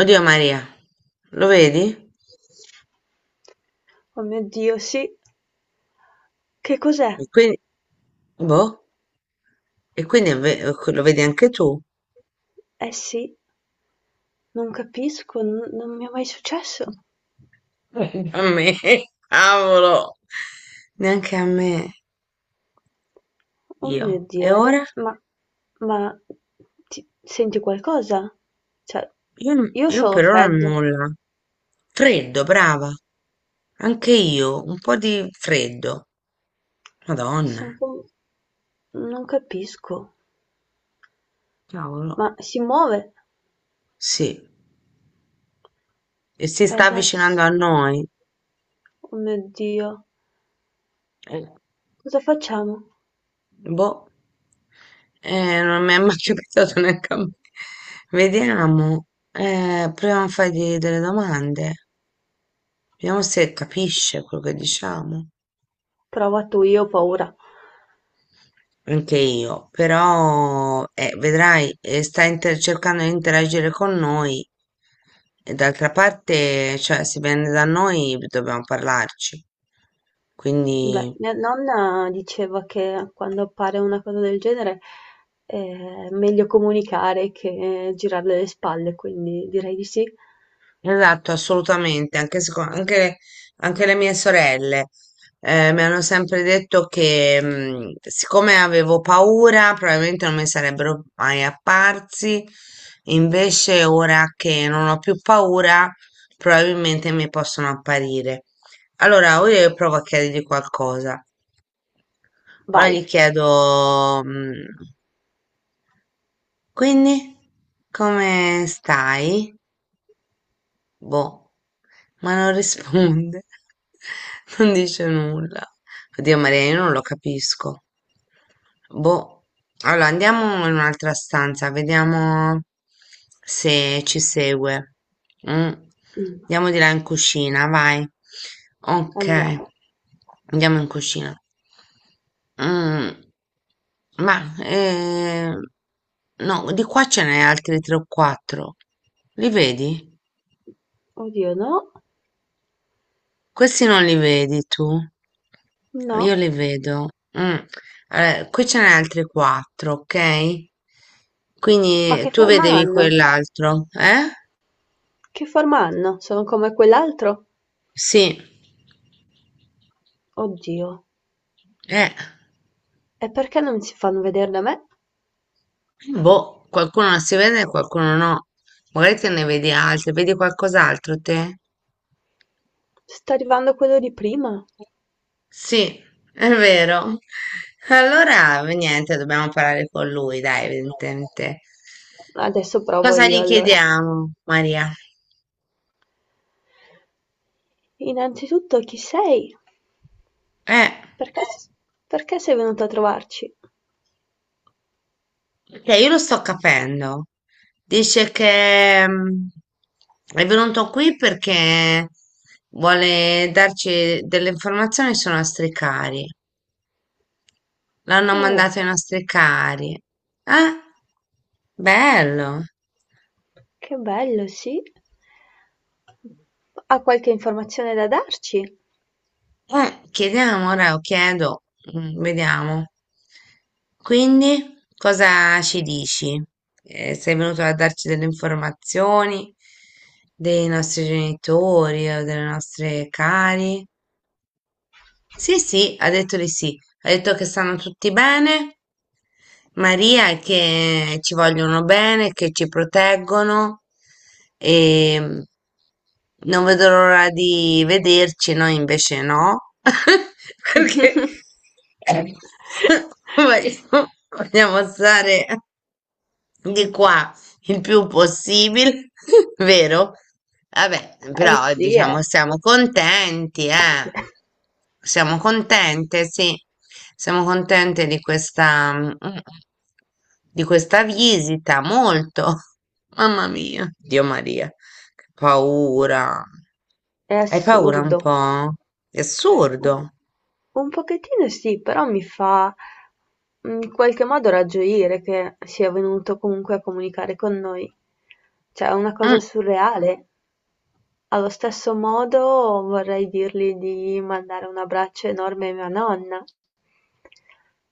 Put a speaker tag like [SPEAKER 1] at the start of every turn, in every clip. [SPEAKER 1] Oddio Maria, lo vedi?
[SPEAKER 2] Oh mio Dio, sì. Che cos'è?
[SPEAKER 1] E quindi, boh, e quindi lo vedi anche tu?
[SPEAKER 2] Eh sì, non capisco, non mi è mai successo.
[SPEAKER 1] A me, cavolo, neanche a me,
[SPEAKER 2] Oh mio
[SPEAKER 1] io.
[SPEAKER 2] Dio,
[SPEAKER 1] E
[SPEAKER 2] ed è-
[SPEAKER 1] ora?
[SPEAKER 2] ma ti- senti qualcosa? Cioè,
[SPEAKER 1] Io,
[SPEAKER 2] io
[SPEAKER 1] io
[SPEAKER 2] sono
[SPEAKER 1] per ora
[SPEAKER 2] freddo,
[SPEAKER 1] nulla. Freddo, brava. Anche io, un po' di freddo. Madonna,
[SPEAKER 2] sono com- non capisco,
[SPEAKER 1] cavolo.
[SPEAKER 2] ma si muove.
[SPEAKER 1] Sì, e si
[SPEAKER 2] E
[SPEAKER 1] sta
[SPEAKER 2] adesso,
[SPEAKER 1] avvicinando a noi.
[SPEAKER 2] oh mio Dio, cosa facciamo?
[SPEAKER 1] Boh, non mi è mai capitato neanche a me. Vediamo, proviamo a fargli delle domande, vediamo se capisce quello che diciamo.
[SPEAKER 2] Prova tu, io ho paura.
[SPEAKER 1] Anche io, però, vedrai, cercando di interagire con noi e d'altra parte, cioè, se viene da noi dobbiamo parlarci.
[SPEAKER 2] Beh,
[SPEAKER 1] Quindi.
[SPEAKER 2] mia nonna diceva che quando appare una cosa del genere è meglio comunicare che girarle le spalle, quindi direi di sì.
[SPEAKER 1] Esatto, assolutamente, anche le mie sorelle mi hanno sempre detto che siccome avevo paura, probabilmente non mi sarebbero mai apparsi, invece ora che non ho più paura, probabilmente mi possono apparire. Allora, io provo a chiedergli qualcosa. Ora
[SPEAKER 2] Vai.
[SPEAKER 1] gli chiedo, quindi, come stai? Boh, ma non risponde, non dice nulla. Oddio Maria, io non lo capisco. Boh, allora andiamo in un'altra stanza, vediamo se ci segue. Mm.
[SPEAKER 2] Mm.
[SPEAKER 1] Andiamo di là in cucina, vai. Ok,
[SPEAKER 2] Andiamo.
[SPEAKER 1] andiamo in cucina. Mm, Ma, no, di qua ce n'è altri 3 o 4. Li vedi?
[SPEAKER 2] Oddio, no,
[SPEAKER 1] Questi non li vedi tu? Io
[SPEAKER 2] no.
[SPEAKER 1] li vedo. Mm. Allora, qui ce n'è altri quattro, ok?
[SPEAKER 2] Ma
[SPEAKER 1] Quindi
[SPEAKER 2] che
[SPEAKER 1] tu
[SPEAKER 2] forma
[SPEAKER 1] vedevi
[SPEAKER 2] hanno?
[SPEAKER 1] quell'altro, eh?
[SPEAKER 2] Che forma hanno? Sono come quell'altro?
[SPEAKER 1] Sì,
[SPEAKER 2] Oddio.
[SPEAKER 1] eh.
[SPEAKER 2] E perché non si fanno vedere da me?
[SPEAKER 1] Boh, qualcuno non si vede e qualcuno no. Magari te ne vedi altri, vedi qualcos'altro te?
[SPEAKER 2] Sta arrivando quello di prima.
[SPEAKER 1] Sì, è vero. Allora, niente, dobbiamo parlare con lui, dai, evidentemente.
[SPEAKER 2] Adesso provo
[SPEAKER 1] Cosa
[SPEAKER 2] io
[SPEAKER 1] gli
[SPEAKER 2] allora.
[SPEAKER 1] chiediamo, Maria?
[SPEAKER 2] Innanzitutto, chi sei?
[SPEAKER 1] Eh.
[SPEAKER 2] Perché, perché sei venuto a trovarci?
[SPEAKER 1] Perché io lo sto capendo. Dice che è venuto qui perché vuole darci delle informazioni sui nostri cari. L'hanno
[SPEAKER 2] Oh,
[SPEAKER 1] mandato ai nostri cari. Eh? Bello.
[SPEAKER 2] che bello, sì. Ha qualche informazione da darci?
[SPEAKER 1] Chiediamo ora, o chiedo, vediamo. Quindi, cosa ci dici? Sei venuto a darci delle informazioni dei nostri genitori o delle nostre cari? Sì, sì, ha detto di sì. Ha detto che stanno tutti bene. Maria è che ci vogliono bene, che ci proteggono e non vedo l'ora di vederci, noi invece no, perché eh, vogliamo stare di qua. Il più possibile, vero? Vabbè,
[SPEAKER 2] Eh
[SPEAKER 1] però
[SPEAKER 2] sì,
[SPEAKER 1] diciamo siamo contenti, eh. Siamo contente, sì. Siamo contente di questa, di questa visita, molto. Mamma mia, Dio Maria, che paura.
[SPEAKER 2] è
[SPEAKER 1] Hai paura un
[SPEAKER 2] assurdo.
[SPEAKER 1] po'? È assurdo.
[SPEAKER 2] Un un pochettino sì, però mi fa in qualche modo ragioire che sia venuto comunque a comunicare con noi. Cioè, è una
[SPEAKER 1] Mm,
[SPEAKER 2] cosa surreale. Allo stesso modo vorrei dirgli di mandare un abbraccio enorme a mia nonna.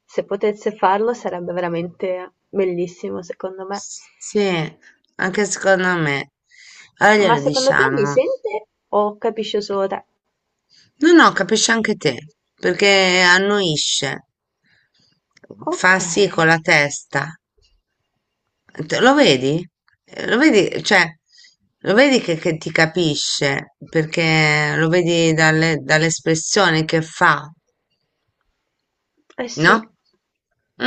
[SPEAKER 2] Se potesse farlo sarebbe veramente bellissimo, secondo me.
[SPEAKER 1] sì, anche secondo me. Allora
[SPEAKER 2] Ma
[SPEAKER 1] glielo
[SPEAKER 2] secondo te mi
[SPEAKER 1] diciamo.
[SPEAKER 2] sente o capisce solo te?
[SPEAKER 1] No, no, capisci anche te, perché annuisce,
[SPEAKER 2] Ok,
[SPEAKER 1] fa sì con la testa. Lo vedi? Lo vedi, cioè, lo vedi che ti capisce, perché lo vedi dalle, dall'espressione che fa,
[SPEAKER 2] eh sì,
[SPEAKER 1] no?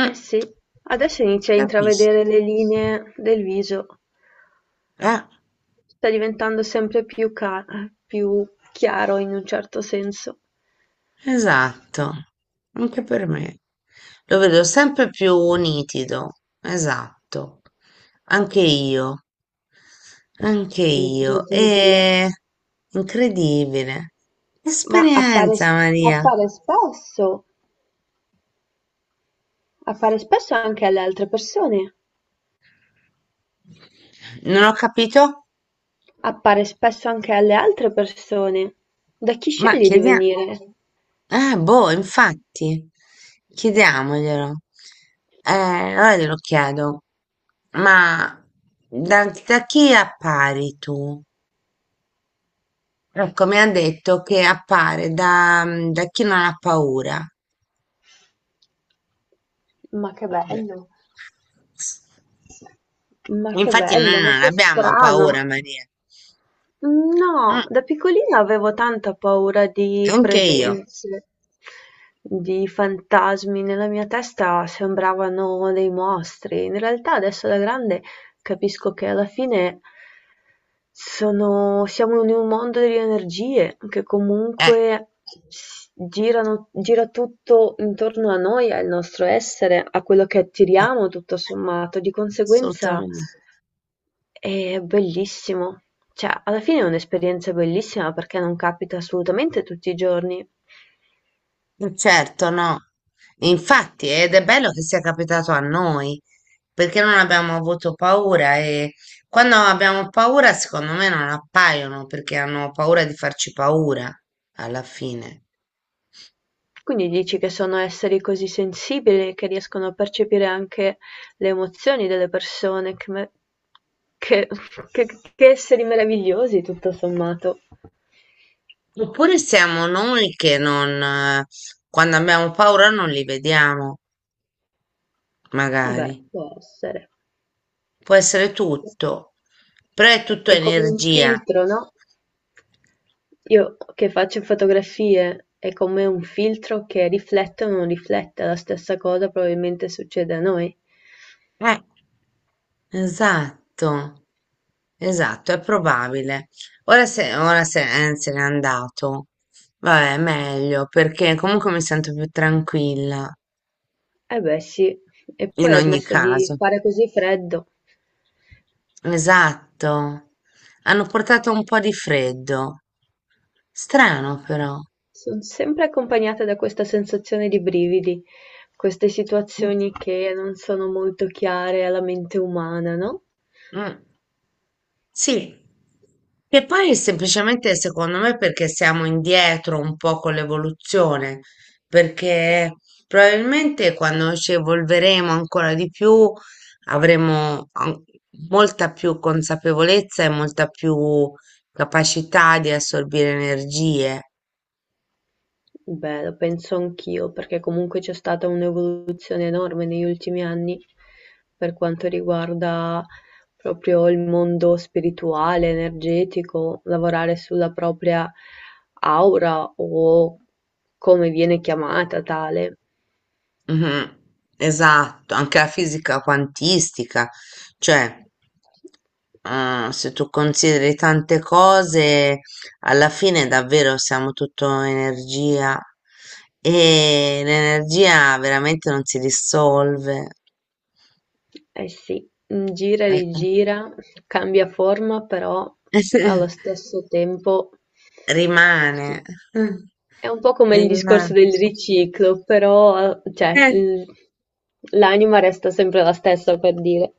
[SPEAKER 2] eh sì. Adesso
[SPEAKER 1] Ti
[SPEAKER 2] inizia a
[SPEAKER 1] capisce,
[SPEAKER 2] intravedere le linee del viso.
[SPEAKER 1] eh?
[SPEAKER 2] Sta diventando più chiaro in un certo senso.
[SPEAKER 1] Esatto, anche per me. Lo vedo sempre più nitido, esatto. Anche io, anche io.
[SPEAKER 2] Incredibile.
[SPEAKER 1] È incredibile.
[SPEAKER 2] Ma appare,
[SPEAKER 1] Esperienza, Maria.
[SPEAKER 2] appare spesso, appare spesso anche alle altre persone.
[SPEAKER 1] Non ho capito?
[SPEAKER 2] Appare spesso anche alle altre persone. Da chi
[SPEAKER 1] Ma
[SPEAKER 2] scegli di
[SPEAKER 1] chiediamo,
[SPEAKER 2] venire?
[SPEAKER 1] boh, infatti, chiediamoglielo. Allora glielo chiedo, ma da chi appari tu? Ecco, mi ha detto che appare da, da chi non ha paura.
[SPEAKER 2] Ma che bello. Ma che
[SPEAKER 1] Infatti
[SPEAKER 2] bello,
[SPEAKER 1] noi
[SPEAKER 2] ma
[SPEAKER 1] non
[SPEAKER 2] che
[SPEAKER 1] abbiamo
[SPEAKER 2] strano.
[SPEAKER 1] paura, Maria. Mm,
[SPEAKER 2] No, da piccolina avevo tanta paura di
[SPEAKER 1] anche io.
[SPEAKER 2] presenze, di fantasmi. Nella mia testa sembravano dei mostri. In realtà adesso da grande capisco che alla fine siamo in un mondo di energie che
[SPEAKER 1] Eh,
[SPEAKER 2] comunque girano, gira tutto intorno a noi, al nostro essere, a quello che
[SPEAKER 1] eh,
[SPEAKER 2] attiriamo, tutto sommato. Di conseguenza.
[SPEAKER 1] assolutamente.
[SPEAKER 2] È bellissimo. Cioè, alla fine è un'esperienza bellissima perché non capita assolutamente tutti i giorni.
[SPEAKER 1] Certo, no. Infatti, ed è bello che sia capitato a noi, perché non abbiamo avuto paura e quando abbiamo paura, secondo me non appaiono, perché hanno paura di farci paura alla fine.
[SPEAKER 2] Quindi dici che sono esseri così sensibili che riescono a percepire anche le emozioni delle persone. Che- che- che esseri meravigliosi, tutto sommato.
[SPEAKER 1] Oppure siamo noi che non, quando abbiamo paura non li vediamo,
[SPEAKER 2] Beh,
[SPEAKER 1] magari.
[SPEAKER 2] può essere.
[SPEAKER 1] Può essere tutto, però è tutto
[SPEAKER 2] È come un
[SPEAKER 1] energia.
[SPEAKER 2] filtro, no? Io che faccio fotografie è come un filtro che riflette o non riflette, la stessa cosa probabilmente succede a noi.
[SPEAKER 1] Eh, esatto, esatto, è probabile. Ora se, se n'è andato, vabbè, meglio, perché comunque mi sento più tranquilla,
[SPEAKER 2] Eh beh sì, e
[SPEAKER 1] in
[SPEAKER 2] poi ha
[SPEAKER 1] ogni
[SPEAKER 2] smesso di
[SPEAKER 1] caso.
[SPEAKER 2] fare così freddo.
[SPEAKER 1] Esatto, hanno portato un po' di freddo. Strano però.
[SPEAKER 2] Son sempre accompagnata da questa sensazione di brividi, queste situazioni che non sono molto chiare alla mente umana, no?
[SPEAKER 1] Mm, sì, che poi semplicemente secondo me perché siamo indietro un po' con l'evoluzione, perché probabilmente quando ci evolveremo ancora di più avremo molta più consapevolezza e molta più capacità di assorbire energie.
[SPEAKER 2] Beh, lo penso anch'io, perché comunque c'è stata un'evoluzione enorme negli ultimi anni per quanto riguarda proprio il mondo spirituale, energetico, lavorare sulla propria aura o come viene chiamata tale.
[SPEAKER 1] Mhm. Esatto, anche la fisica quantistica, cioè se tu consideri tante cose, alla fine davvero siamo tutto energia e l'energia veramente non si dissolve,
[SPEAKER 2] Eh sì, gira e
[SPEAKER 1] eh,
[SPEAKER 2] rigira, cambia forma, però allo
[SPEAKER 1] eh,
[SPEAKER 2] stesso tempo sì.
[SPEAKER 1] rimane.
[SPEAKER 2] È un po' come il
[SPEAKER 1] Esatto.
[SPEAKER 2] discorso del riciclo, però, l'anima resta sempre la stessa, per dire.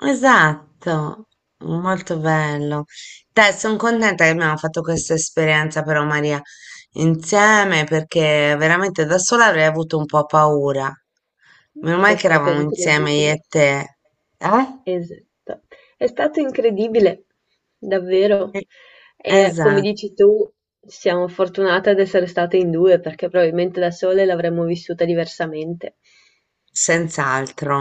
[SPEAKER 1] Esatto, molto bello. Dai, sono contenta che abbiamo fatto questa esperienza però Maria insieme perché veramente da sola avrei avuto un po' paura. Meno male
[SPEAKER 2] È
[SPEAKER 1] che
[SPEAKER 2] stato
[SPEAKER 1] eravamo insieme io e
[SPEAKER 2] incredibile.
[SPEAKER 1] te. Eh?
[SPEAKER 2] Esatto. È stato incredibile, davvero.
[SPEAKER 1] Eh,
[SPEAKER 2] E come
[SPEAKER 1] Esatto,
[SPEAKER 2] dici tu, siamo fortunate ad essere state in due, perché probabilmente da sole l'avremmo vissuta diversamente.
[SPEAKER 1] senz'altro.